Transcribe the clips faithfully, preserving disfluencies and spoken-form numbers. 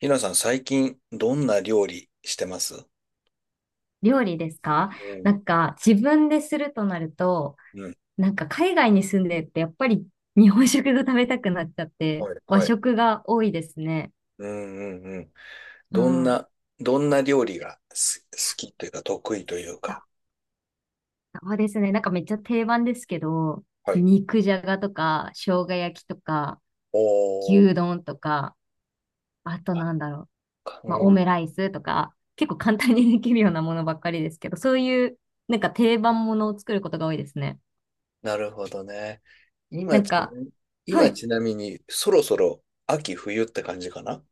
ひなさん、最近、どんな料理してます？料理ですか？うなん。んか自分でするとなると、うん。なんか海外に住んでってやっぱり日本食が食べたくなっちゃってはい、和はい。食が多いですね。うんうんうん。うどんん。な、どんな料理がす好きというか、得意というか。そうですね。なんかめっちゃ定番ですけど、はい。肉じゃがとか生姜焼きとかお牛ー、丼とか、あとなんだろう。うまあオん。ムライスとか、結構簡単にできるようなものばっかりですけど、そういうなんか定番ものを作ることが多いですね。なるほどね。な今んちな、か、は今い。ちなみに、そろそろ秋冬って感じかな？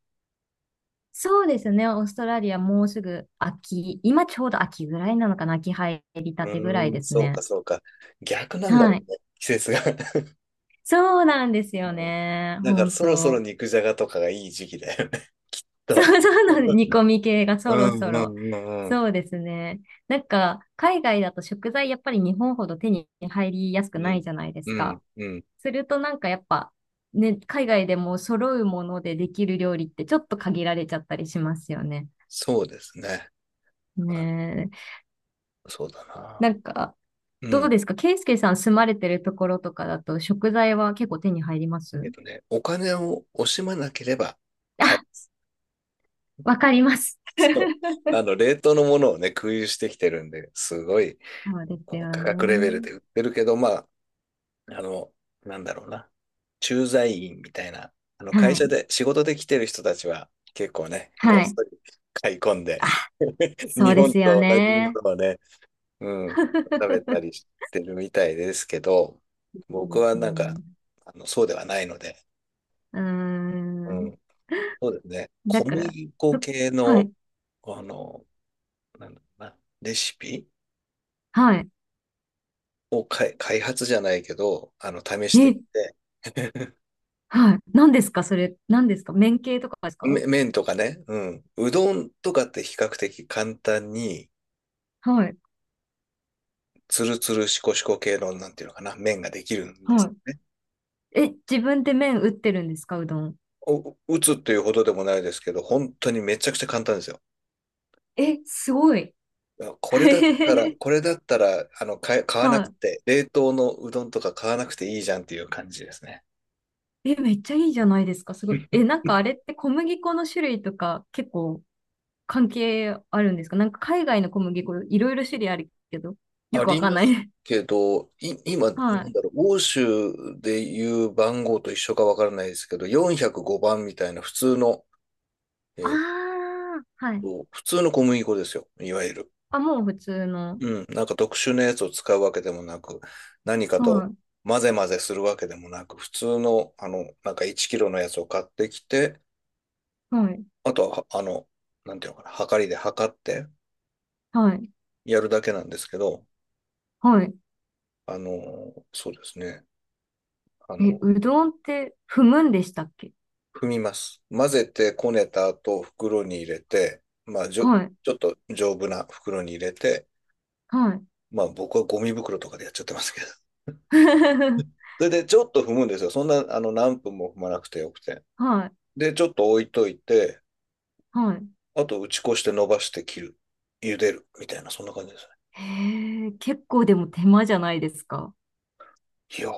そうですね。オーストラリアもうすぐ秋、今ちょうど秋ぐらいなのかな。秋入りたてぐらういーん、ですそうね。か、そうか。逆なんだはもんい。ね、季節が。そうなんですうよん、ね。だから、本そろそろ当。肉じゃがとかがいい時期だよね。そうと。そう、なん煮込み系がうそろんそうろ。んうんうん。そうですね。なんか、海外だと食材やっぱり日本ほど手に入りやすくうないん、じゃないですうか。ん、うん。するとなんかやっぱ、ね、海外でも揃うものでできる料理ってちょっと限られちゃったりしますよね。そうですね。あ、ねえ。そうだなな。んか、うどうん。ですか？ケイスケさん住まれてるところとかだと食材は結構手に入りまえす？っとね、お金を惜しまなければ買えあ、る。わかります。そう。あの、冷凍のものをね、空輸してきてるんで、すごいそうであすのよ価格レベルね。で売ってるけど、まあ、あの、なんだろうな。駐在員みたいな、あの、は会社い。で、仕事で来てる人たちは、結構ね、ごっはい。そり買い込んで、あ、そ日うで本すよと同じもね。のをね、うん、食べたり してるみたいですけど、いい僕ではすなんね。か、あの、そうではないので、うーうん。ん、そうですね。だ小から、麦粉ふ系はの、い。あの、なんだろうな、レシピはい。をかい開発じゃないけど、あの、試してえ、みて、はい。何ですかそれ、何ですか麺系とかですか？め麺とかね、うん、うどんとかって比較的簡単に、はい。つるつるしこしこ系の、なんていうのかな、麺ができるんではすね。い。え、自分で麺打ってるんですか？うどん。お、打つっていうほどでもないですけど、本当にめちゃくちゃ簡単ですよ。え、すごい。あ これだったら、はこれだったら、あの、買え買わなくい。て、冷凍のうどんとか買わなくていいじゃんっていう感じですね。え、めっちゃいいじゃないですか。すごい。え、なんかあれって小麦粉の種類とか結構関係あるんですか？なんか海外の小麦粉いろいろ種類あるけど、よあくわりかんまない。す けど、い、今、なはんい。だろう、欧州でいう番号と一緒かわからないですけど、よんまるごばんみたいな普通の、えあーっあ、はい。と、普通の小麦粉ですよ、いわゆる。あ、もう普通の。うん、なんか特殊なやつを使うわけでもなく、何かとは混ぜ混ぜするわけでもなく、普通の、あの、なんかいちキロのやつを買ってきて、い、はい、あとは、あの、なんていうのかな、はかりで測ってはい、やるだけなんですけど、はい。あの、そうですね。あえ、の、うどんって踏むんでしたっけ？踏みます。混ぜてこねた後、袋に入れて、まあ、じょ、はい、ちょっと丈夫な袋に入れて、はい。まあ、僕はゴミ袋とかでやっちゃってますけど。それで、ちょっと踏むんですよ。そんな、あの、何分も踏まなくてよくて。はい、で、ちょっと置いといて、はい。あと、打ち粉して伸ばして切る。茹でる。みたいな、そんな感じですね。へえ、結構でも手間じゃないですか。いや、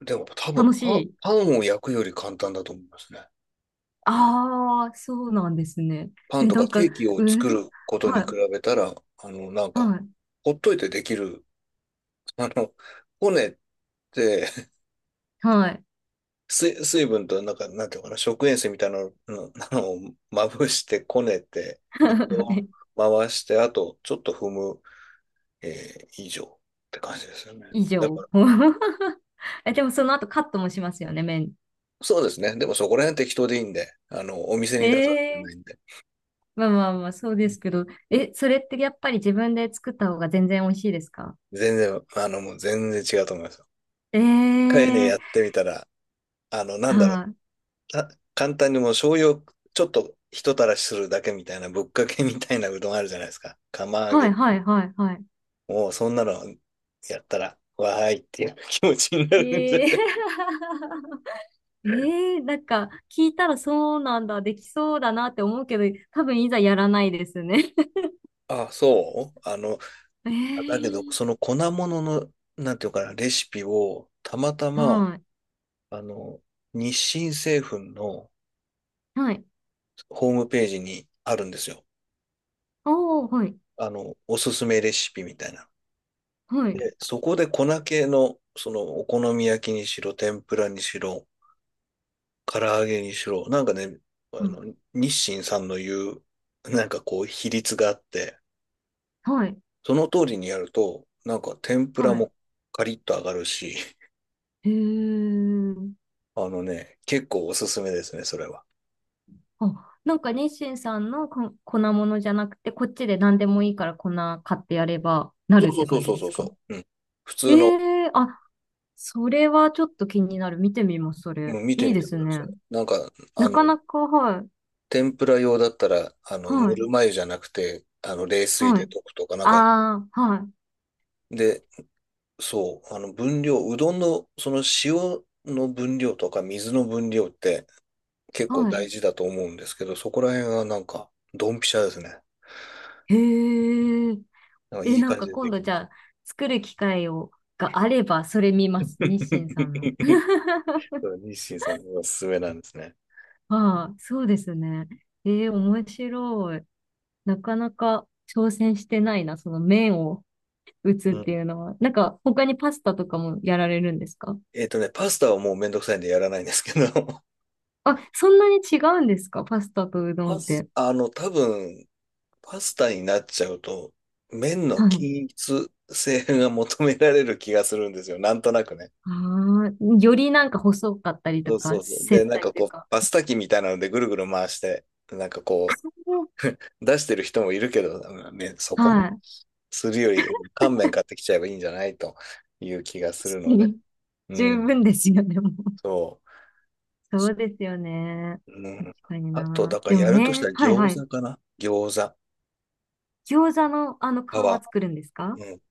でも多分楽パン、しい。パンを焼くより簡単だと思いますね。ああ、そうなんですね。パンえ、となかんか、ケーキをう作どん、ることには比い、べたら、あの、なんはか、い、ほっといてできる、あの、骨って、はい。水、水分と、なんか、なんていうのかな、食塩水みたいなの、のあ のまぶしてこねて、水を 回して、あと、ちょっと踏む、えー以上って感じですよね。以だか上。ら、え、でもその後カットもしますよね、麺。そうですね。でもそこら辺適当でいいんで、あの、お店えに出すわけじゃなえ、いんで、まあまあまあ、そうですけど。え、それってやっぱり自分で作った方が全然美味しいですか？全然、あの、もう全然違うと思いますよ。え一回ね、やえ、ってみたら、あの、なんだろう、はい、た簡単にもう醤油をちょっとひとたらしするだけみたいな、ぶっかけみたいなうどんあるじゃないですか。釜揚はい、げ。はい、はい、はい。もうそんなのやったら、わーいっていう気持ちになるんじゃええ ない？ええ、なんか、聞いたらそうなんだ、できそうだなって思うけど、多分いざやらないですね。あ、そうあの、だけど、そええ、の粉物の、なんていうかな、レシピを、たまたま、はい。あの、日清製粉のはい。ホームページにあるんですよ。おー、はい。あの、おすすめレシピみたいな。はい。で、そこで粉系の、その、お好み焼きにしろ、天ぷらにしろ、唐揚げにしろ、なんかね、あはい。の、日清さんの言う、なんかこう、比率があって、はい。その通りにやると、なんか天ぷらはい。もカリッと揚がるし、へえ。あのね、結構おすすめですね、それは。あ、なんか日清さんのこ粉物じゃなくて、こっちで何でもいいから粉買ってやればなそるっうてそう感じそうでそすうか？そう。うん。普え通の、え、あ、それはちょっと気になる。見てみます、そもれ。う見ていいみでてくすださね。い。なんか、あなの、かなか、はい。天ぷら用だったら、あの、はぬるい。ま湯じゃなくて、あの、冷水はでい。溶くとか、なんか、ああ、はい。で、そう、あの、分量、うどんの、その塩の分量とか水の分量って、結構は大い。事だと思うんですけど、そこら辺はなんか、ドンピシャですね。へえ。なんかいえ、いなん感じかで今で度きじゃました。あ、作る機会を、があれば、それ見ます。日清さんの。そう、日清さんのおすすめなんですね。ああ、そうですね。ええ、面白い。なかなか挑戦してないな、その麺を打つっうてん。いうのは。なんか、他にパスタとかもやられるんですか？えっとね、パスタはもうめんどくさいんでやらないんですけど、あ、そんなに違うんですか？パスタとうどパんっス、て。あの、多分、パスタになっちゃうと、麺のはい。均一性が求められる気がするんですよ。なんとなくね。ああ、よりなんか細かったりそとうか、そうそう。で、繊なん細かといこうう、か。パスタ機みたいなのでぐるぐる回して、なんかこうん、出してる人もいるけど、ね、そこまではい。確するより、乾麺買ってきちゃえばいいんじゃないという気がすかるので。に、う十ん、分ですよ、でも。そそうですよね。う。う確ん、かにあと、な。だからでもやるとしたね、らはいは餃い。子かな、餃子、餃子のあの皮皮。作るんですか？ うん。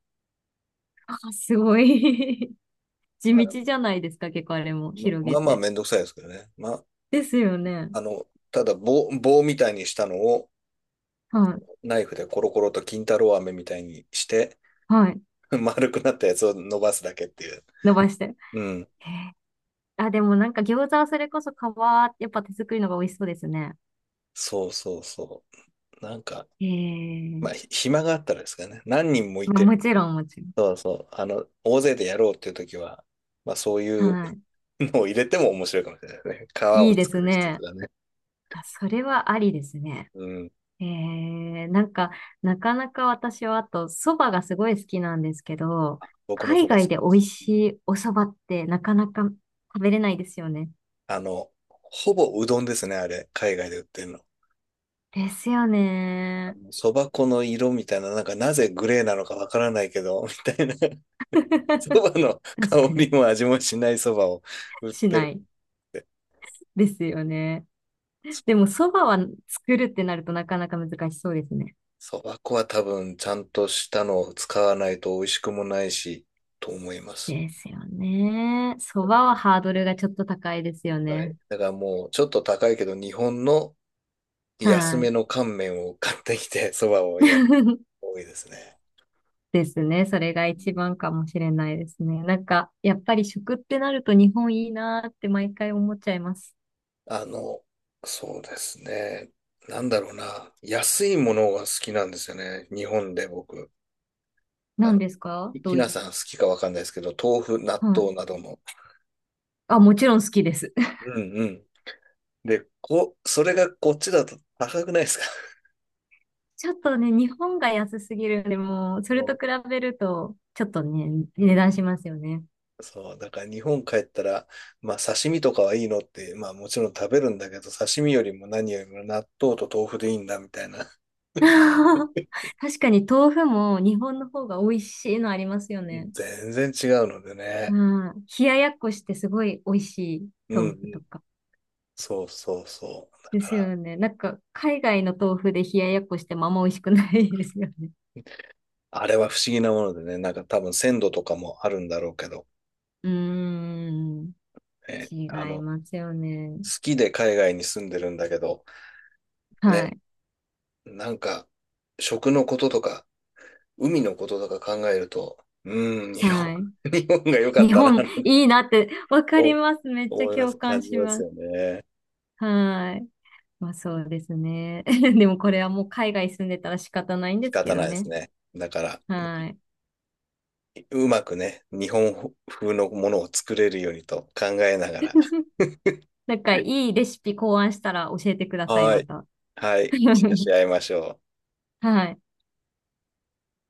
あ、すごい。地あれ、道じゃないですか、結構あれもま、広げまあまあて。めんどくさいですけどね。まあ、ですよね。あの、ただ棒、棒みたいにしたのをはい。ナイフでコロコロと金太郎飴みたいにして、はい。丸くなったやつを伸ばすだけっていう。伸ばして。うん。へえ、あ、でもなんか餃子はそれこそ皮、やっぱ手作りのが美味しそうですね。そうそうそう。なんか、えまあ、ひえ、暇があったらですかね。何人もいまあ、もて、ちろん、もちろん。そうそう。あの、大勢でやろうっていう時は、まあそういうはい。のを入れても面白いかもしれないですね。皮をいいで作する人とね。かね。あ、それはありですね。うん。ええ、なんか、なかなか私はあと、蕎麦がすごい好きなんですけど、僕もそ海ば好外で美き。味しいお蕎麦ってなかなか食べれないですよね。あの、ほぼうどんですね、あれ。海外で売ってるの。ですよあね。の、そば粉の色みたいな、なんかなぜグレーなのかわからないけど、みたいな。そばの 確香かりに。も味もしないそばを売っしなているって。ですよね。そでう。も、そばは作るってなるとなかなか難しそうですね。そば粉は多分ちゃんとしたのを使わないと美味しくもないし、と思います。ですよね。そばはハードルがちょっと高いですよはい。ね。だからもうちょっと高いけど、日本の安はめい。の乾麺を買ってきて、そばをやる 多いですね。ですね。それがう一ん番かもしれないですね。なんか、やっぱり食ってなると日本いいなーって毎回思っちゃいます。あの、そうですね。なんだろうな。安いものが好きなんですよね。日本で僕。あ何の、ですか？ひどひうない、さん好きかわかんないですけど、豆腐、納はい。豆などの。あ、もちろん好きです。うんうん。で、こ、それがこっちだと高くないですか？ ちょっとね、日本が安すぎるんで、もう、それとそ比べると、ちょっとね、うう値ん。段しますよね。そう。だから日本帰ったら、まあ刺身とかはいいのって、まあもちろん食べるんだけど、刺身よりも何よりも納豆と豆腐でいいんだみたいな、 確かに豆腐も日本の方が美味しいのありますよね。全然違うのでね。うん。冷ややっこしてすごい美味しいうんう豆腐とん。か。そうそうそう。だでかすら、よね。なんか、海外の豆腐で冷ややっこしてもあんま美味しくないですよね。あれは不思議なものでね、なんか多分鮮度とかもあるんだろうけど、うーん。え、違あいの、好ますよね。きで海外に住んでるんだけど、はね、い。なんか、食のこととか、海のこととか考えると、うん、日本、はい。日本が良かっ日たな、本なんていいなって、わかりおます。めっちゃ思いま共す、感感じしますます。よね。はい。まあそうですね。でもうこれん、はもう海外住んでたら仕方ないんで仕すけ方どないですね。ね。だから、はい。うまくね、日本風のものを作れるようにと考えながら、なんかいいレシピ考案したら教えてください、はまい。た。はい。シェアし 合いましょう。はい。